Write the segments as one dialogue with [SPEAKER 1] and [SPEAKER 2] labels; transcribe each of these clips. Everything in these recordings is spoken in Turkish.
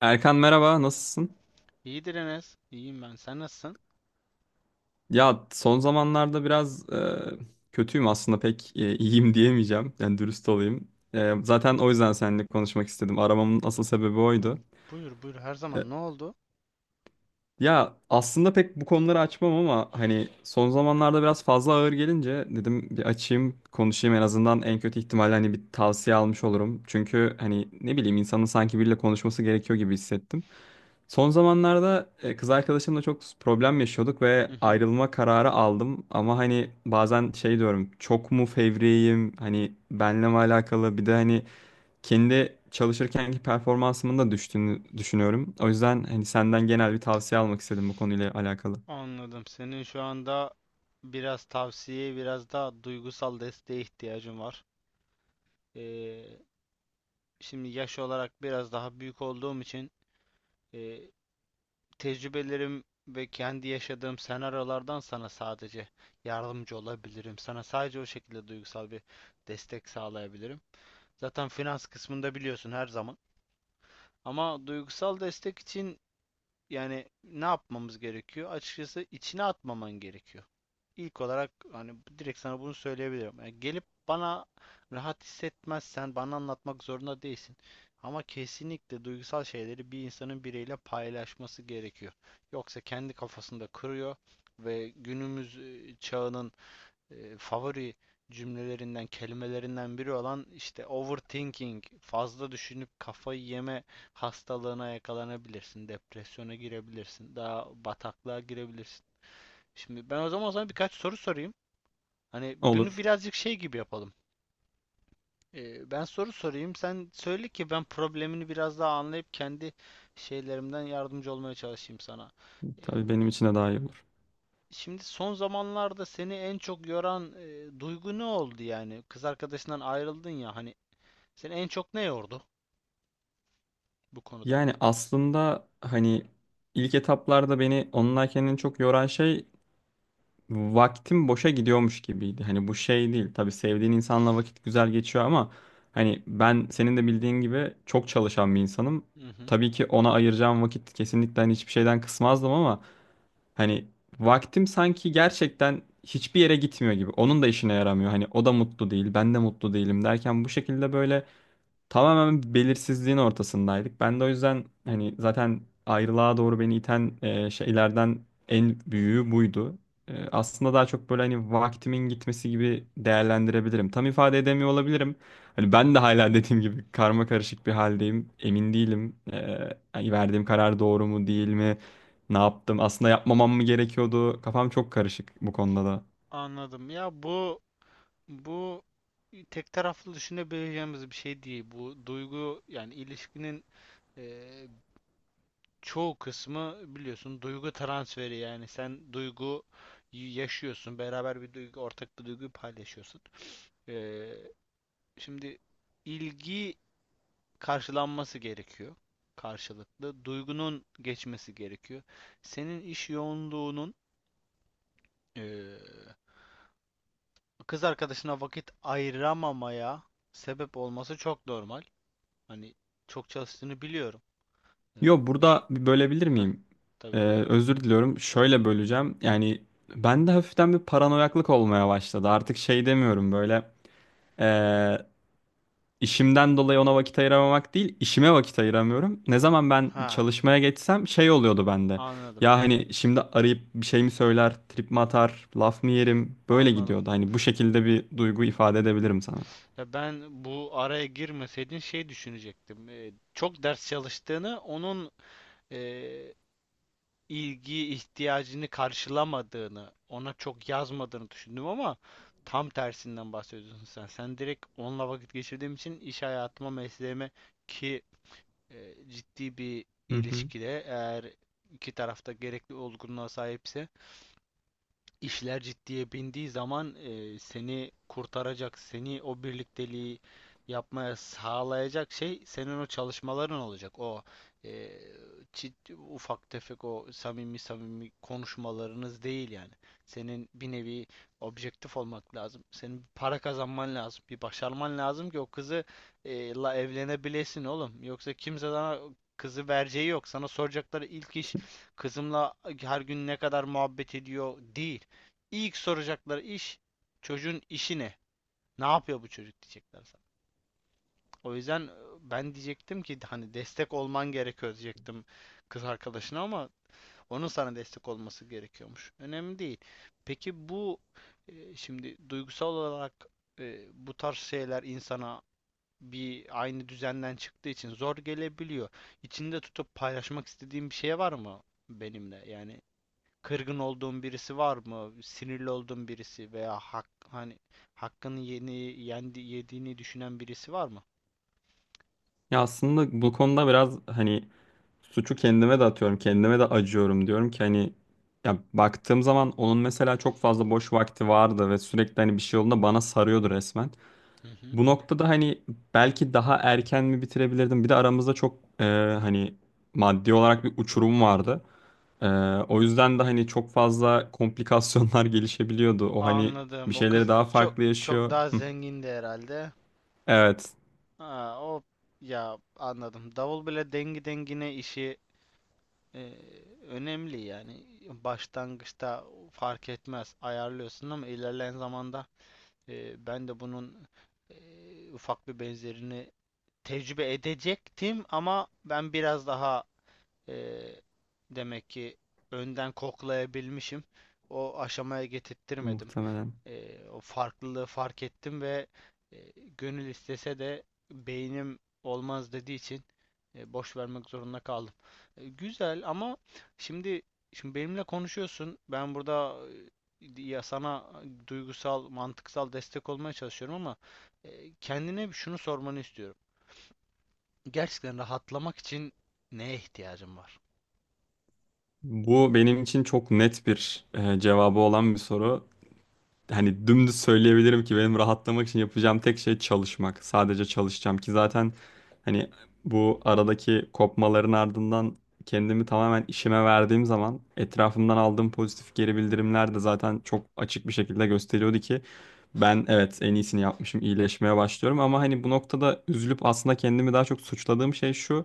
[SPEAKER 1] Erkan merhaba, nasılsın?
[SPEAKER 2] İyidir Enes. İyiyim ben. Sen nasılsın?
[SPEAKER 1] Ya son zamanlarda biraz kötüyüm aslında pek iyiyim diyemeyeceğim. Yani dürüst olayım. Zaten o yüzden seninle konuşmak istedim. Aramamın asıl sebebi oydu.
[SPEAKER 2] Hmm, Buyur buyur her
[SPEAKER 1] E,
[SPEAKER 2] zaman. Ne oldu?
[SPEAKER 1] Ya aslında pek bu konuları açmam ama hani son zamanlarda biraz fazla ağır gelince dedim bir açayım konuşayım en azından en kötü ihtimalle hani bir tavsiye almış olurum. Çünkü hani ne bileyim insanın sanki biriyle konuşması gerekiyor gibi hissettim. Son zamanlarda kız arkadaşımla çok problem yaşıyorduk ve
[SPEAKER 2] Hı hı.
[SPEAKER 1] ayrılma kararı aldım. Ama hani bazen şey diyorum çok mu fevriyim hani benle mi alakalı bir de hani kendi çalışırkenki performansımın da düştüğünü düşünüyorum. O yüzden hani senden genel bir tavsiye almak istedim bu konuyla alakalı.
[SPEAKER 2] Anladım. Senin şu anda biraz tavsiye, biraz daha duygusal desteğe ihtiyacın var. Ee, şimdi yaş olarak biraz daha büyük olduğum için e, tecrübelerim ve kendi yaşadığım senaryolardan sana sadece yardımcı olabilirim. Sana sadece o şekilde duygusal bir destek sağlayabilirim. Zaten finans kısmında biliyorsun her zaman. Ama duygusal destek için. Yani ne yapmamız gerekiyor? Açıkçası içine atmaman gerekiyor. İlk olarak hani direkt sana bunu söyleyebilirim. Yani gelip bana rahat hissetmezsen bana anlatmak zorunda değilsin. Ama kesinlikle duygusal şeyleri bir insanın biriyle paylaşması gerekiyor. Yoksa kendi kafasında kırıyor ve günümüz çağının favori cümlelerinden, kelimelerinden biri olan işte overthinking, fazla düşünüp kafayı yeme hastalığına yakalanabilirsin, depresyona girebilirsin, daha bataklığa girebilirsin. Şimdi ben o zaman sana birkaç soru sorayım. Hani bunu
[SPEAKER 1] Olur.
[SPEAKER 2] birazcık şey gibi yapalım. Ben soru sorayım, sen söyle ki ben problemini biraz daha anlayıp kendi şeylerimden yardımcı olmaya çalışayım sana. E,
[SPEAKER 1] Tabii benim için de daha iyi olur.
[SPEAKER 2] Şimdi son zamanlarda seni en çok yoran duygu ne oldu yani? Kız arkadaşından ayrıldın ya hani seni en çok ne yordu bu konuda?
[SPEAKER 1] Yani aslında hani ilk etaplarda beni onunla kendini çok yoran şey vaktim boşa gidiyormuş gibiydi. Hani bu şey değil. Tabii sevdiğin insanla vakit güzel geçiyor ama hani ben senin de bildiğin gibi çok çalışan bir insanım.
[SPEAKER 2] Hı hı.
[SPEAKER 1] Tabii ki ona ayıracağım vakit kesinlikle hani hiçbir şeyden kısmazdım ama hani vaktim sanki gerçekten hiçbir yere gitmiyor gibi. Onun da işine yaramıyor. Hani o da mutlu değil, ben de mutlu değilim derken bu şekilde böyle tamamen belirsizliğin ortasındaydık. Ben de o yüzden hani zaten ayrılığa doğru beni iten şeylerden en büyüğü buydu. Aslında daha çok böyle hani vaktimin gitmesi gibi değerlendirebilirim. Tam ifade edemiyor olabilirim. Hani ben de hala dediğim gibi karma karışık bir haldeyim. Emin değilim. Hani verdiğim karar doğru mu değil mi? Ne yaptım? Aslında yapmamam mı gerekiyordu? Kafam çok karışık bu konuda da.
[SPEAKER 2] Anladım. Ya bu tek taraflı düşünebileceğimiz bir şey değil. Bu duygu yani ilişkinin e, çoğu kısmı biliyorsun duygu transferi yani sen duygu yaşıyorsun beraber bir duygu ortak bir duyguyu paylaşıyorsun. Eee, şimdi ilgi karşılanması gerekiyor karşılıklı. Duygunun geçmesi gerekiyor. Senin iş yoğunluğunun eee, kız arkadaşına vakit ayıramamaya sebep olması çok normal. Hani çok çalıştığını biliyorum. Ee,
[SPEAKER 1] Yo,
[SPEAKER 2] bir.
[SPEAKER 1] burada bir bölebilir
[SPEAKER 2] Heh,
[SPEAKER 1] miyim? Ee,
[SPEAKER 2] tabii buyur.
[SPEAKER 1] Özür diliyorum. Şöyle böleceğim. Yani bende hafiften bir paranoyaklık olmaya başladı. Artık şey demiyorum böyle ee, işimden dolayı ona vakit ayıramamak değil, işime vakit ayıramıyorum. Ne zaman ben
[SPEAKER 2] Ha,
[SPEAKER 1] çalışmaya geçsem şey oluyordu bende.
[SPEAKER 2] anladım.
[SPEAKER 1] Ya hani şimdi arayıp bir şey mi söyler, trip mi atar, laf mı yerim? Böyle
[SPEAKER 2] Anladım.
[SPEAKER 1] gidiyordu. Hani bu şekilde bir duygu ifade edebilirim sana.
[SPEAKER 2] Ya ben bu araya girmeseydin şey düşünecektim. Çok ders çalıştığını onun ee, ilgi ihtiyacını karşılamadığını, ona çok yazmadığını düşündüm ama tam tersinden bahsediyorsun sen. Sen direkt onunla vakit geçirdiğim için iş hayatıma, mesleğime ki ciddi bir
[SPEAKER 1] Hı hı.
[SPEAKER 2] ilişkide eğer iki tarafta gerekli olgunluğa sahipse İşler ciddiye bindiği zaman seni kurtaracak, seni o birlikteliği yapmaya sağlayacak şey senin o çalışmaların olacak. O e, ufak tefek o samimi samimi konuşmalarınız değil yani. Senin bir nevi objektif olmak lazım. Senin bir para kazanman lazım. Bir başarman lazım ki o kızı la evlenebilesin oğlum. Yoksa kimse sana kızı vereceği yok. Sana soracakları ilk iş kızımla her gün ne kadar muhabbet ediyor değil. İlk soracakları iş çocuğun işi ne? Ne yapıyor bu çocuk diyecekler sana. O yüzden ben diyecektim ki hani destek olman gerekiyor diyecektim kız arkadaşına ama onun sana destek olması gerekiyormuş. Önemli değil. Peki bu şimdi duygusal olarak bu tarz şeyler insana bir aynı düzenden çıktığı için zor gelebiliyor. İçinde tutup paylaşmak istediğin bir şey var mı benimle? Yani kırgın olduğun birisi var mı? Sinirli olduğun birisi veya hak, hani hakkını yeni yendi, yediğini düşünen birisi var mı?
[SPEAKER 1] Ya aslında bu konuda biraz hani suçu kendime de atıyorum, kendime de acıyorum, diyorum ki hani ya baktığım zaman onun mesela çok fazla boş vakti vardı ve sürekli hani bir şey olduğunda bana sarıyordu resmen.
[SPEAKER 2] Hı hı.
[SPEAKER 1] Bu noktada hani belki daha erken mi bitirebilirdim? Bir de aramızda çok hani maddi olarak bir uçurum vardı. E, O yüzden de hani çok fazla komplikasyonlar gelişebiliyordu. O hani bir
[SPEAKER 2] Anladım. O
[SPEAKER 1] şeyleri
[SPEAKER 2] kız
[SPEAKER 1] daha
[SPEAKER 2] çok
[SPEAKER 1] farklı
[SPEAKER 2] çok
[SPEAKER 1] yaşıyor.
[SPEAKER 2] daha
[SPEAKER 1] Hı,
[SPEAKER 2] zengindi herhalde.
[SPEAKER 1] evet,
[SPEAKER 2] Ha, o ya anladım. Davul bile dengi dengine işi e, önemli yani. Başlangıçta fark etmez ayarlıyorsun ama ilerleyen zamanda ben de bunun ufak bir benzerini tecrübe edecektim ama ben biraz daha Ee, demek ki önden koklayabilmişim. O aşamaya getirttirmedim.
[SPEAKER 1] muhtemelen.
[SPEAKER 2] O farklılığı fark ettim ve e, gönül istese de beynim olmaz dediği için boş vermek zorunda kaldım. Güzel ama şimdi şimdi benimle konuşuyorsun. Ben burada ya sana duygusal, mantıksal destek olmaya çalışıyorum ama kendine şunu sormanı istiyorum. Gerçekten rahatlamak için neye ihtiyacın var?
[SPEAKER 1] Bu benim için çok net bir cevabı olan bir soru. Hani dümdüz söyleyebilirim ki benim rahatlamak için yapacağım tek şey çalışmak. Sadece çalışacağım ki zaten hani bu aradaki kopmaların ardından kendimi tamamen işime verdiğim zaman etrafımdan aldığım pozitif geri bildirimler de zaten çok açık bir şekilde gösteriyordu ki ben evet en iyisini yapmışım, iyileşmeye başlıyorum, ama hani bu noktada üzülüp aslında kendimi daha çok suçladığım şey şu.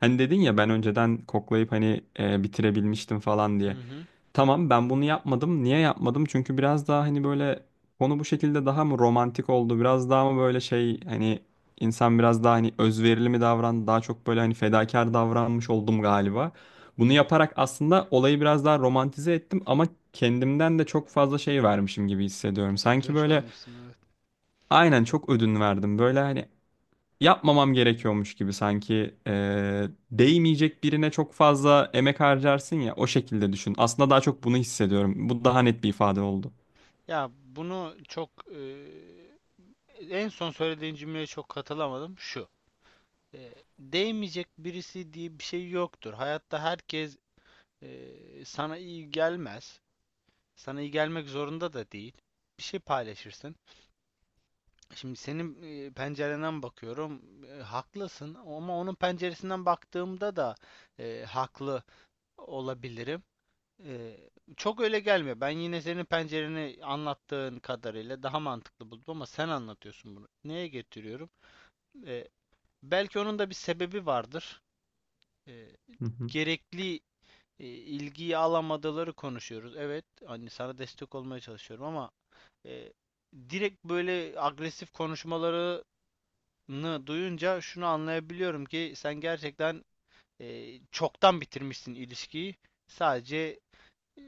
[SPEAKER 1] Hani dedin ya ben önceden koklayıp hani bitirebilmiştim falan
[SPEAKER 2] Hı
[SPEAKER 1] diye.
[SPEAKER 2] hı.
[SPEAKER 1] Tamam, ben bunu yapmadım. Niye yapmadım? Çünkü biraz daha hani böyle konu bu şekilde daha mı romantik oldu? Biraz daha mı böyle şey hani insan biraz daha hani özverili mi davrandı? Daha çok böyle hani fedakar davranmış oldum galiba. Bunu yaparak aslında olayı biraz daha romantize ettim ama kendimden de çok fazla şey vermişim gibi hissediyorum. Sanki
[SPEAKER 2] Ödünç
[SPEAKER 1] böyle
[SPEAKER 2] vermişsin evet.
[SPEAKER 1] aynen çok ödün verdim. Böyle hani yapmamam gerekiyormuş gibi, sanki değmeyecek birine çok fazla emek harcarsın ya, o şekilde düşün. Aslında daha çok bunu hissediyorum. Bu daha net bir ifade oldu.
[SPEAKER 2] Ya bunu çok en son söylediğin cümleye çok katılamadım. Şu. Değmeyecek birisi diye bir şey yoktur. Hayatta herkes sana iyi gelmez. Sana iyi gelmek zorunda da değil. Bir şey paylaşırsın. Şimdi senin pencerenden bakıyorum. Haklısın ama onun penceresinden baktığımda da haklı olabilirim. Ee, çok öyle gelmiyor. Ben yine senin pencereni anlattığın kadarıyla daha mantıklı buldum ama sen anlatıyorsun bunu. Neye getiriyorum? Ee, belki onun da bir sebebi vardır. Ee,
[SPEAKER 1] Hı hı.
[SPEAKER 2] gerekli ilgiyi alamadıları konuşuyoruz. Evet, hani sana destek olmaya çalışıyorum ama e, direkt böyle agresif konuşmalarını duyunca şunu anlayabiliyorum ki sen gerçekten çoktan bitirmişsin ilişkiyi. Sadece e,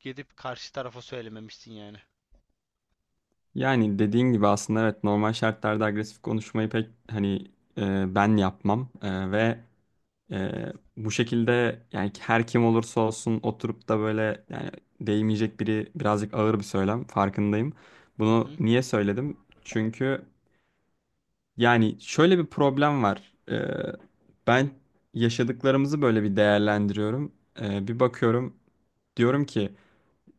[SPEAKER 2] gidip karşı tarafa söylememişsin yani.
[SPEAKER 1] Yani dediğin gibi aslında evet, normal şartlarda agresif konuşmayı pek hani ben yapmam. Ve bu şekilde yani her kim olursa olsun oturup da böyle, yani değmeyecek biri, birazcık ağır bir söylem farkındayım.
[SPEAKER 2] Hı
[SPEAKER 1] Bunu
[SPEAKER 2] hı,
[SPEAKER 1] niye söyledim? Çünkü yani şöyle bir problem var. Ben yaşadıklarımızı böyle bir değerlendiriyorum. Bir bakıyorum, diyorum ki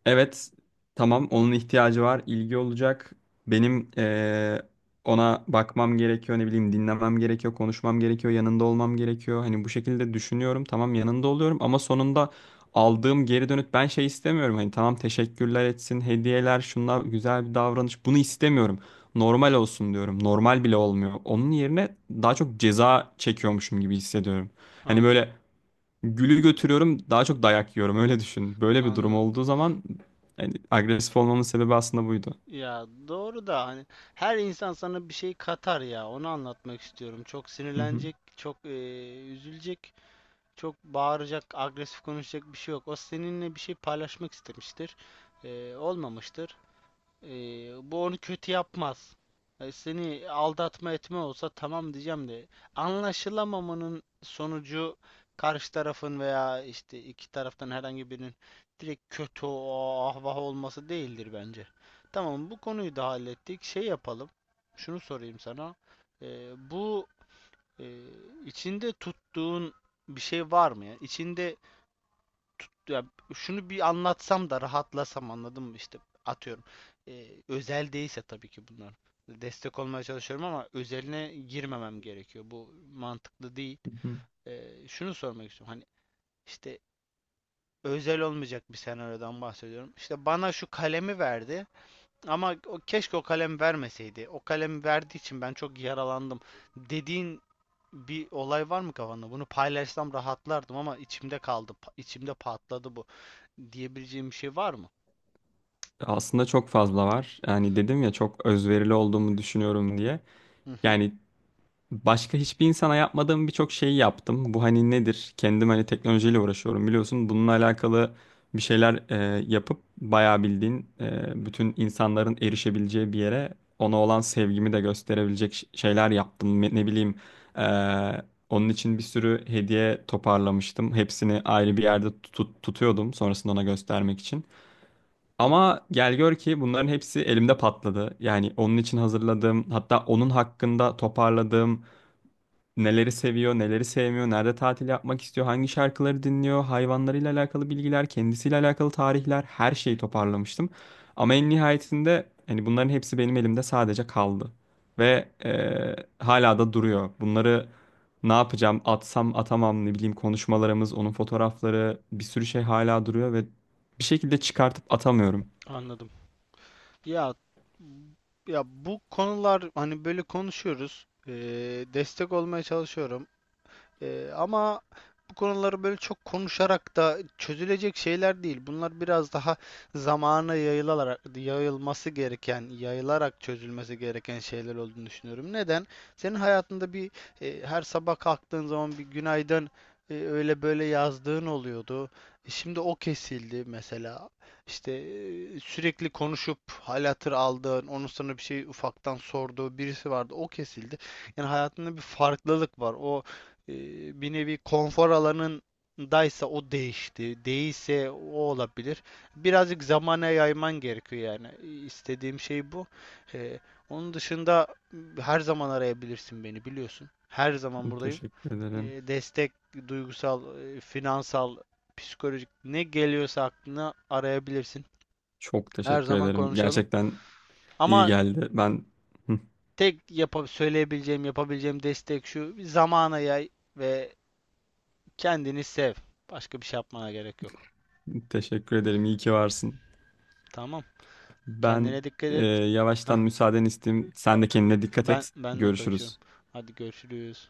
[SPEAKER 1] evet, tamam onun ihtiyacı var, ilgi olacak. Benim ona bakmam gerekiyor, ne bileyim dinlemem gerekiyor, konuşmam gerekiyor, yanında olmam gerekiyor. Hani bu şekilde düşünüyorum, tamam yanında oluyorum ama sonunda aldığım geri dönüt, ben şey istemiyorum. Hani tamam teşekkürler etsin, hediyeler, şunlar güzel bir davranış, bunu istemiyorum. Normal olsun diyorum. Normal bile olmuyor. Onun yerine daha çok ceza çekiyormuşum gibi hissediyorum. Hani
[SPEAKER 2] anladım.
[SPEAKER 1] böyle gülü götürüyorum daha çok dayak yiyorum, öyle düşün. Böyle bir durum
[SPEAKER 2] Anladım.
[SPEAKER 1] olduğu zaman yani agresif olmamın sebebi aslında buydu.
[SPEAKER 2] Ya doğru da hani her insan sana bir şey katar ya. Onu anlatmak istiyorum. Çok
[SPEAKER 1] Hı hı,
[SPEAKER 2] sinirlenecek, çok üzülecek, çok bağıracak, agresif konuşacak bir şey yok. O seninle bir şey paylaşmak istemiştir. Olmamıştır. Ee, bu onu kötü yapmaz. Seni aldatma etme olsa tamam diyeceğim de anlaşılamamanın sonucu karşı tarafın veya işte iki taraftan herhangi birinin direkt kötü o ah olması değildir bence. Tamam bu konuyu da hallettik. Şey yapalım. Şunu sorayım sana. Bu e, içinde tuttuğun bir şey var mı ya? İçinde ya şunu bir anlatsam da rahatlasam anladın mı işte atıyorum. Özel değilse tabii ki bunlar. Destek olmaya çalışıyorum ama özeline girmemem gerekiyor. Bu mantıklı değil.
[SPEAKER 1] hı hı.
[SPEAKER 2] Şunu sormak istiyorum. Hani işte özel olmayacak bir senaryodan bahsediyorum. İşte bana şu kalemi verdi ama o, keşke o kalem vermeseydi. O kalemi verdiği için ben çok yaralandım dediğin bir olay var mı kafanda? Bunu paylaşsam rahatlardım ama içimde kaldı, içimde patladı bu diyebileceğim bir şey var mı?
[SPEAKER 1] Aslında çok fazla var. Yani dedim ya çok özverili olduğumu düşünüyorum diye.
[SPEAKER 2] Hı hı,
[SPEAKER 1] Yani başka hiçbir insana yapmadığım birçok şeyi yaptım. Bu hani nedir? Kendim hani teknolojiyle uğraşıyorum biliyorsun. Bununla alakalı bir şeyler yapıp bayağı bildiğin bütün insanların erişebileceği bir yere ona olan sevgimi de gösterebilecek şeyler yaptım. Ne bileyim, e, onun için bir sürü hediye toparlamıştım. Hepsini ayrı bir yerde tutuyordum sonrasında ona göstermek için. Ama gel gör ki bunların hepsi elimde patladı. Yani onun için hazırladığım, hatta onun hakkında toparladığım, neleri seviyor, neleri sevmiyor, nerede tatil yapmak istiyor, hangi şarkıları dinliyor, hayvanlarıyla alakalı bilgiler, kendisiyle alakalı tarihler, her şeyi toparlamıştım. Ama en nihayetinde hani bunların hepsi benim elimde sadece kaldı. Ve hala da duruyor. Bunları ne yapacağım, atsam atamam, ne bileyim konuşmalarımız, onun fotoğrafları, bir sürü şey hala duruyor ve bir şekilde çıkartıp atamıyorum.
[SPEAKER 2] anladım. Ya ya bu konular hani böyle konuşuyoruz. Destek olmaya çalışıyorum. Ama bu konuları böyle çok konuşarak da çözülecek şeyler değil. Bunlar biraz daha zamana yayılarak, yayılması gereken, yayılarak çözülmesi gereken şeyler olduğunu düşünüyorum. Neden? Senin hayatında bir her sabah kalktığın zaman bir günaydın öyle böyle yazdığın oluyordu. Şimdi o kesildi mesela. İşte sürekli konuşup hal hatır aldığın, onun sana bir şey ufaktan sorduğu birisi vardı. O kesildi. Yani hayatında bir farklılık var. O e, bir nevi konfor alanındaysa o değişti. Değilse o olabilir. Birazcık zamana yayman gerekiyor yani. İstediğim şey bu. E, onun dışında her zaman arayabilirsin beni biliyorsun. Her zaman buradayım.
[SPEAKER 1] Teşekkür ederim.
[SPEAKER 2] E, destek, duygusal, finansal, psikolojik ne geliyorsa aklına arayabilirsin.
[SPEAKER 1] Çok
[SPEAKER 2] Her
[SPEAKER 1] teşekkür
[SPEAKER 2] zaman
[SPEAKER 1] ederim.
[SPEAKER 2] konuşalım.
[SPEAKER 1] Gerçekten iyi
[SPEAKER 2] Ama
[SPEAKER 1] geldi. Ben
[SPEAKER 2] tek yapa söyleyebileceğim, yapabileceğim destek şu. Zamana yay ve kendini sev. Başka bir şey yapmana gerek yok.
[SPEAKER 1] teşekkür ederim. İyi ki varsın.
[SPEAKER 2] Tamam.
[SPEAKER 1] Ben
[SPEAKER 2] Kendine dikkat et. Heh,
[SPEAKER 1] yavaştan müsaaden isteyeyim. Sen de kendine dikkat
[SPEAKER 2] ben
[SPEAKER 1] et.
[SPEAKER 2] ben de kaçıyorum.
[SPEAKER 1] Görüşürüz.
[SPEAKER 2] Hadi görüşürüz.